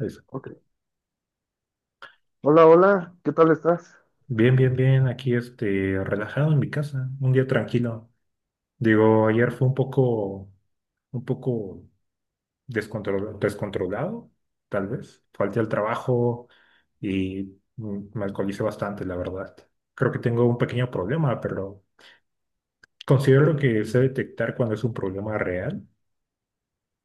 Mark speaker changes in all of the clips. Speaker 1: Eso.
Speaker 2: Ok. Hola, hola, ¿qué tal estás?
Speaker 1: Bien, bien, bien. Aquí relajado en mi casa, un día tranquilo. Digo, ayer fue un poco descontrolado, tal vez. Falté al trabajo y me alcoholicé bastante, la verdad. Creo que tengo un pequeño problema, pero considero que sé detectar cuando es un problema real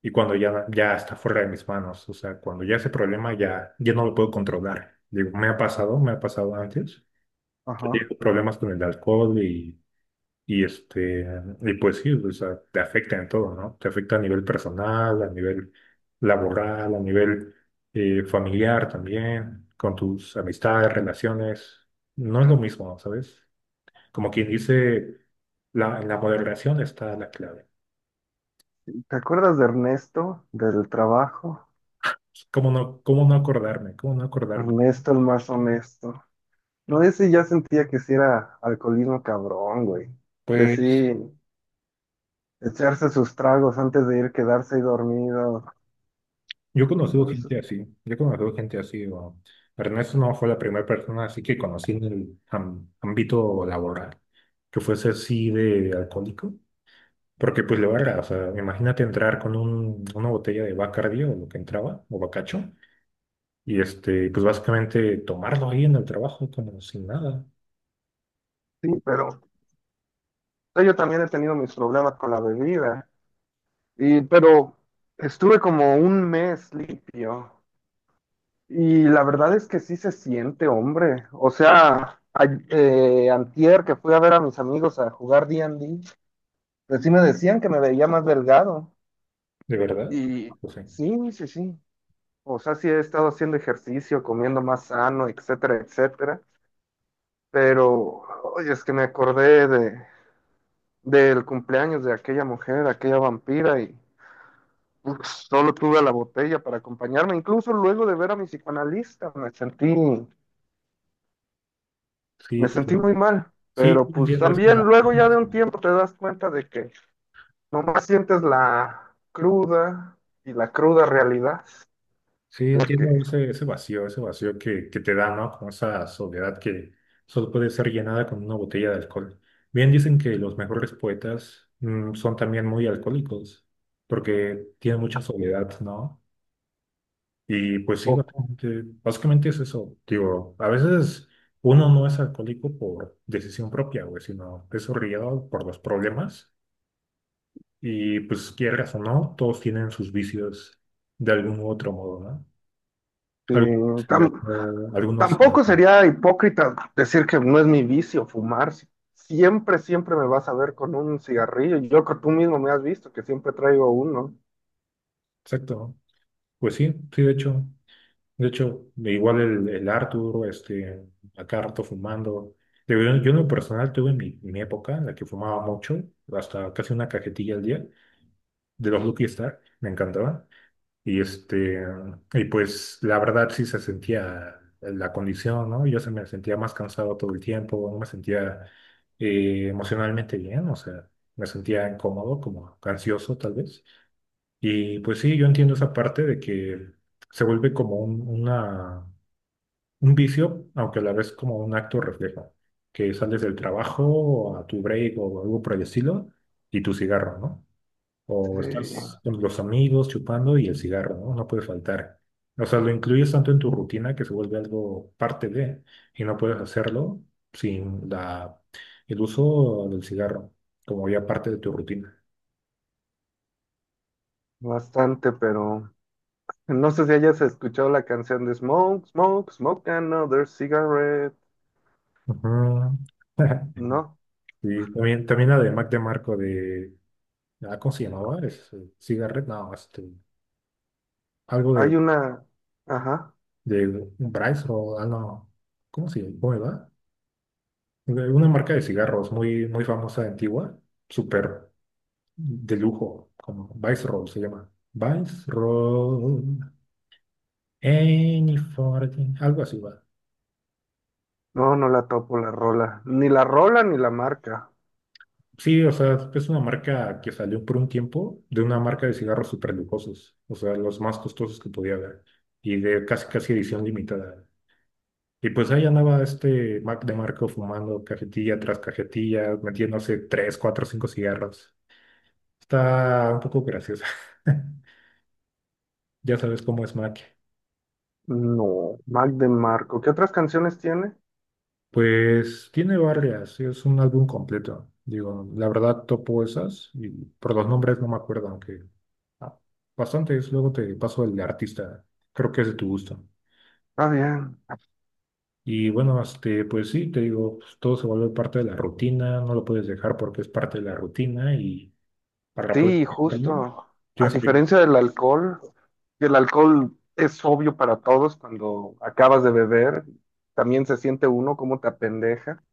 Speaker 1: y cuando ya está fuera de mis manos. O sea, cuando ya ese problema ya no lo puedo controlar. Digo, me ha pasado antes, que
Speaker 2: Ajá.
Speaker 1: tengo problemas con el alcohol y pues sí, o sea, te afecta en todo, ¿no? Te afecta a nivel personal, a nivel laboral, a nivel familiar también, con tus amistades, relaciones. No es lo mismo, ¿sabes? Como quien dice, en la moderación está la clave.
Speaker 2: ¿Te acuerdas de Ernesto, del trabajo?
Speaker 1: Pues, ¿cómo no, cómo no acordarme? ¿Cómo no acordarme?
Speaker 2: Ernesto, el más honesto. No, ese ya sentía que sí era alcoholismo cabrón, güey. De sí,
Speaker 1: Pues
Speaker 2: echarse sus tragos antes de ir, quedarse ahí dormido.
Speaker 1: Yo he conocido
Speaker 2: No, eso
Speaker 1: gente así, yo he conocido gente así, Ernesto no fue la primera persona así que conocí en el ámbito laboral, que fuese así de alcohólico, porque pues le valga, o sea, imagínate entrar con una botella de Bacardi o lo que entraba, o Bacacho, y pues básicamente tomarlo ahí en el trabajo como sin nada,
Speaker 2: sí, pero yo también he tenido mis problemas con la bebida. Y, pero estuve como un mes limpio. Y la verdad es que sí se siente, hombre. O sea, antier que fui a ver a mis amigos a jugar D D&D, pues sí me decían que me veía más delgado.
Speaker 1: de verdad,
Speaker 2: Y
Speaker 1: o sea,
Speaker 2: sí, sí, sí. O sea, sí he estado haciendo ejercicio, comiendo más sano, etcétera, etcétera. Pero, oye, es que me acordé de, del cumpleaños de aquella mujer, aquella vampira, y uf, solo tuve a la botella para acompañarme. Incluso luego de ver a mi psicoanalista, me sentí.
Speaker 1: sí,
Speaker 2: Me sentí muy mal,
Speaker 1: sí,
Speaker 2: pero pues
Speaker 1: entiendo
Speaker 2: también luego ya
Speaker 1: sí,
Speaker 2: de un
Speaker 1: sí.
Speaker 2: tiempo te das cuenta de que nomás sientes la cruda y la cruda realidad
Speaker 1: Sí,
Speaker 2: de
Speaker 1: entiendo
Speaker 2: que
Speaker 1: ese vacío que te da, ¿no? Como esa soledad que solo puede ser llenada con una botella de alcohol. Bien dicen que los mejores poetas son también muy alcohólicos, porque tienen mucha soledad, ¿no? Y pues sí,
Speaker 2: poco.
Speaker 1: básicamente es eso. Digo, a veces uno no es alcohólico por decisión propia, güey, sino es orillado por los problemas. Y pues quieras o no, todos tienen sus vicios de algún u otro modo, ¿no?
Speaker 2: Sí,
Speaker 1: Algo
Speaker 2: tam-
Speaker 1: Algunos,
Speaker 2: tampoco sería hipócrita decir que no es mi vicio fumar. Si siempre, siempre me vas a ver con un cigarrillo. Yo creo que tú mismo me has visto que siempre traigo uno.
Speaker 1: exacto. Pues sí, sí, de hecho. De hecho, igual el Arthur, acá rato fumando. De verdad, yo en lo personal tuve mi época en la que fumaba mucho, hasta casi una cajetilla al día, de los Lucky Star, me encantaba. Y este, y pues la verdad sí se sentía la condición, ¿no? Yo se me sentía más cansado todo el tiempo, no me sentía emocionalmente bien, o sea, me sentía incómodo, como ansioso tal vez. Y pues sí, yo entiendo esa parte de que se vuelve como un vicio, aunque a la vez como un acto reflejo, que sales del trabajo a tu break o algo por el estilo y tu cigarro, ¿no?
Speaker 2: Sí,
Speaker 1: O estás con los amigos chupando y el cigarro, ¿no? No puede faltar. O sea, lo incluyes tanto en tu rutina que se vuelve algo parte de, y no puedes hacerlo sin la, el uso del cigarro, como ya parte de tu rutina.
Speaker 2: bastante, pero no sé si hayas escuchado la canción de Smoke, Smoke, Smoke Another Cigarette.
Speaker 1: Ujú.
Speaker 2: No.
Speaker 1: Sí, también, también la de Mac DeMarco de, ah, ¿cómo se llamaba? Es, Cigarette, no, algo
Speaker 2: Hay una, ajá,
Speaker 1: de Bryce o, ah, no, ¿cómo se llama? ¿Cómo era? De una marca de cigarros muy, muy famosa, antigua, súper de lujo, como Roll se llama. Roll Any 14, algo así va.
Speaker 2: no, no la topo la rola, ni la rola ni la marca.
Speaker 1: Sí, o sea, es una marca que salió por un tiempo de una marca de cigarros súper lujosos, o sea, los más costosos que podía haber y de casi casi edición limitada. Y pues ahí andaba este Mac de Marco fumando cajetilla tras cajetilla, metiéndose tres, cuatro, cinco cigarros. Está un poco graciosa. Ya sabes cómo es Mac.
Speaker 2: No, Mac de Marco. ¿Qué otras canciones tiene?
Speaker 1: Pues tiene varias, es un álbum completo. Digo, la verdad topo esas y por los nombres no me acuerdo, aunque ah, bastantes. Luego te paso el artista, creo que es de tu gusto.
Speaker 2: Está bien.
Speaker 1: Y bueno, pues sí, te digo, pues, todo se vuelve parte de la rutina, no lo puedes dejar porque es parte de la rutina y para poder
Speaker 2: Sí,
Speaker 1: hacerlo,
Speaker 2: justo. A
Speaker 1: tienes que...
Speaker 2: diferencia del alcohol, que el alcohol es obvio para todos cuando acabas de beber, también se siente uno como te apendeja.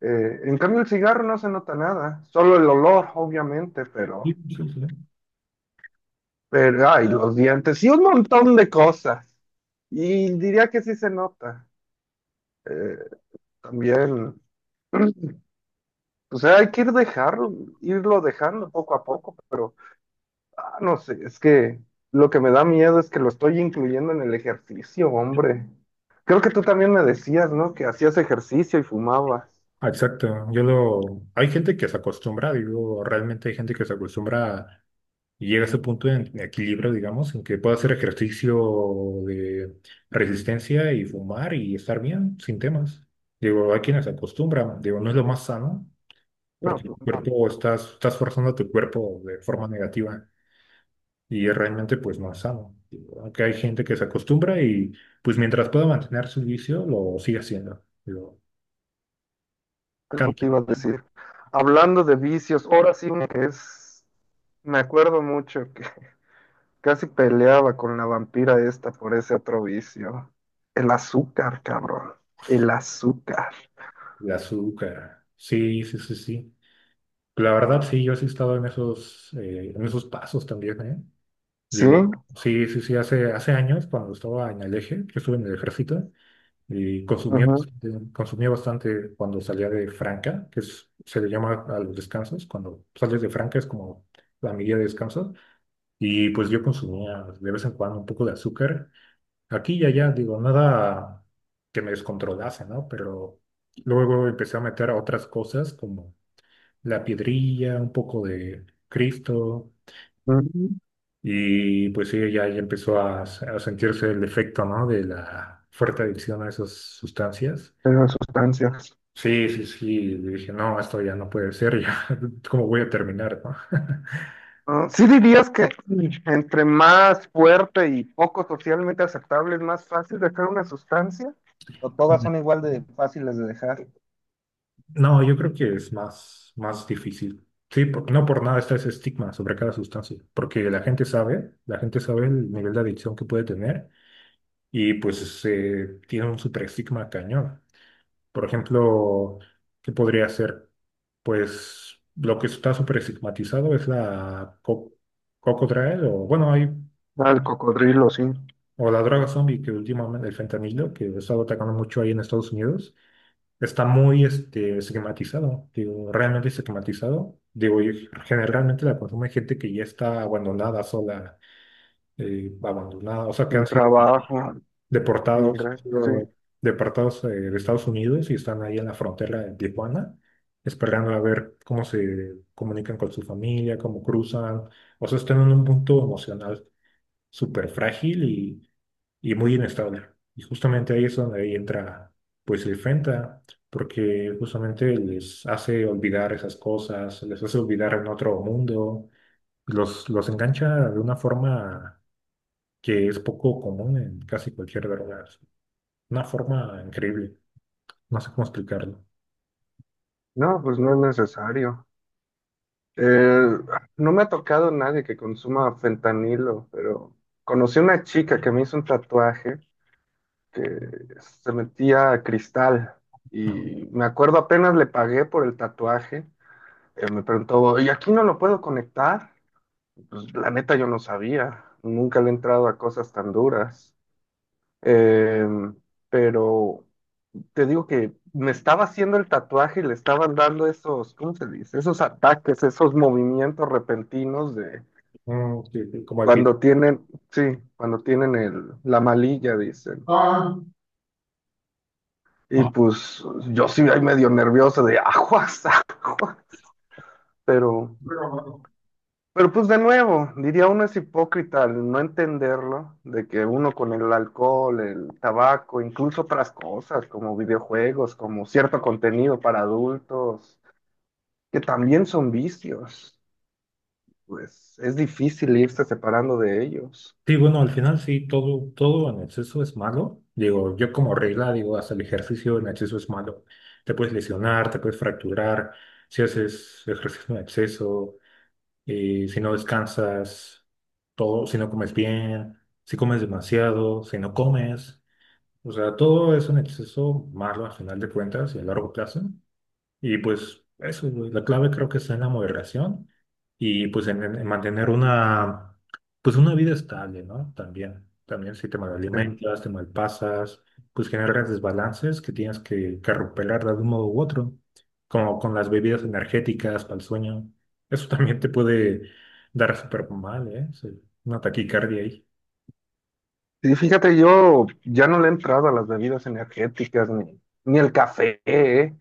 Speaker 2: En cambio, el cigarro no se nota nada, solo el olor, obviamente,
Speaker 1: Sí, sí, sí.
Speaker 2: pero, ay, los dientes y un montón de cosas. Y diría que sí se nota. Eh, También. O sea, hay que ir dejar, irlo dejando poco a poco, pero ah, no sé, es que lo que me da miedo es que lo estoy incluyendo en el ejercicio, hombre. Creo que tú también me decías, ¿no? Que hacías ejercicio y fumabas.
Speaker 1: Ah, exacto, yo lo... Hay gente que se acostumbra, digo, realmente hay gente que se acostumbra a- y llega a ese punto de equilibrio, digamos, en que puede hacer ejercicio de resistencia y fumar y estar bien, sin temas. Digo, hay quienes se acostumbran, digo, no es lo más sano,
Speaker 2: No,
Speaker 1: porque
Speaker 2: pues
Speaker 1: tu
Speaker 2: no,
Speaker 1: cuerpo, estás forzando a tu cuerpo de forma negativa. Y es realmente pues no es sano. Aunque hay gente que se acostumbra y pues mientras pueda mantener su vicio, lo sigue haciendo. Lo
Speaker 2: algo te
Speaker 1: cambia.
Speaker 2: iba a decir. Hablando de vicios, ahora sí uno que es, me acuerdo mucho que casi peleaba con la vampira esta por ese otro vicio. El azúcar, cabrón. El azúcar.
Speaker 1: El azúcar. Sí, sí, sí, sí. La verdad, sí, yo sí he estado en esos pasos también, ¿eh?
Speaker 2: ¿Sí?
Speaker 1: Digo, sí, sí, sí, hace años cuando estaba en el eje, yo estuve en el ejército y
Speaker 2: Ujú.
Speaker 1: consumía bastante cuando salía de Franca, se le llama a los descansos, cuando sales de Franca es como la medida de descanso. Y pues yo consumía de vez en cuando un poco de azúcar. Aquí y allá, digo, nada que me descontrolase, ¿no? Pero luego empecé a meter otras cosas como la piedrilla, un poco de Cristo.
Speaker 2: Mm,
Speaker 1: Y pues sí, ya, ya empezó a sentirse el efecto, ¿no? De la fuerte adicción a esas sustancias.
Speaker 2: esas sustancias.
Speaker 1: Sí, sí, sí. Dije, no, esto ya no puede ser, ya, ¿cómo voy a terminar, no?
Speaker 2: Ah, sí dirías que entre más fuerte y poco socialmente aceptable es más fácil dejar una sustancia. O todas son igual de fáciles de dejar.
Speaker 1: No, yo creo que es más, más difícil. Sí, no por nada está ese estigma sobre cada sustancia, porque la gente sabe el nivel de adicción que puede tener y pues tiene un super estigma cañón. Por ejemplo, ¿qué podría ser? Pues lo que está súper estigmatizado es la Cocodrilo, o bueno, hay,
Speaker 2: Ah, el cocodrilo, sí.
Speaker 1: o la droga zombie que últimamente, el fentanilo, que ha estado atacando mucho ahí en Estados Unidos está muy estigmatizado, digo, realmente estigmatizado. Digo, y generalmente la consume gente que ya está abandonada, sola, abandonada, o sea, que
Speaker 2: Sin trabajo, sin
Speaker 1: han
Speaker 2: ingresos, sí.
Speaker 1: sido deportados de Estados Unidos y están ahí en la frontera de Tijuana, esperando a ver cómo se comunican con su familia, cómo cruzan, o sea, están en un punto emocional súper frágil y muy inestable. Y justamente ahí es donde ahí entra pues el Fenta, porque justamente les hace olvidar esas cosas, les hace olvidar en otro mundo, los engancha de una forma que es poco común en casi cualquier droga, una forma increíble, no sé cómo explicarlo.
Speaker 2: No, pues no es necesario. Eh, no me ha tocado nadie que consuma fentanilo, pero conocí una chica que me hizo un tatuaje, que se metía a cristal. Y me acuerdo apenas le pagué por el tatuaje, me preguntó, ¿y aquí no lo puedo conectar? Pues la neta yo no sabía. Nunca le he entrado a cosas tan duras. Eh, pero te digo que me estaba haciendo el tatuaje y le estaban dando esos, ¿cómo se dice? Esos ataques, esos movimientos repentinos de
Speaker 1: Que como el beat.
Speaker 2: cuando tienen, sí, cuando tienen el, la malilla, dicen.
Speaker 1: Ah,
Speaker 2: Y pues yo sí ahí medio nervioso de aguas, aguas, pero, pero pues de nuevo, diría uno es hipócrita al no entenderlo, de que uno con el alcohol, el tabaco, incluso otras cosas como videojuegos, como cierto contenido para adultos, que también son vicios, pues es difícil irse separando de ellos.
Speaker 1: Sí, bueno, al final sí, todo, todo en exceso es malo. Digo, yo como regla digo, hasta el ejercicio en exceso es malo. Te puedes lesionar, te puedes fracturar, si haces ejercicio en exceso, si no descansas, todo, si no comes bien, si comes demasiado, si no comes. O sea, todo es un exceso malo al final de cuentas y a largo plazo. Y pues eso, güey, la clave creo que está en la moderación y pues en mantener pues una vida estable, ¿no? También, también si te
Speaker 2: Eh,
Speaker 1: malalimentas, te malpasas, pues generas desbalances que tienes que recuperar de algún modo u otro, como con las bebidas energéticas para el sueño. Eso también te puede dar súper mal, ¿eh? Sí, una taquicardia ahí.
Speaker 2: y fíjate, yo ya no le he entrado a las bebidas energéticas ni, ni el café, ¿eh?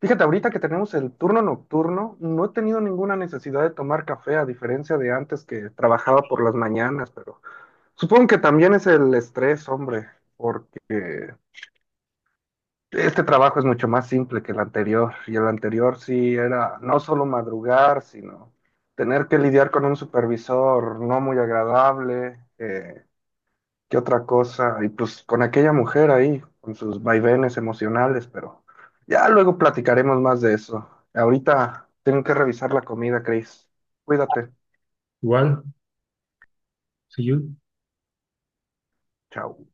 Speaker 2: Fíjate, ahorita que tenemos el turno nocturno, no he tenido ninguna necesidad de tomar café, a diferencia de antes que trabajaba por las mañanas, pero supongo que también es el estrés, hombre, porque este trabajo es mucho más simple que el anterior, y el anterior sí era no solo madrugar, sino tener que lidiar con un supervisor no muy agradable, ¿qué otra cosa? Y pues con aquella mujer ahí, con sus vaivenes emocionales, pero ya luego platicaremos más de eso. Ahorita tengo que revisar la comida, Chris. Cuídate.
Speaker 1: Igual, si yo
Speaker 2: Chao.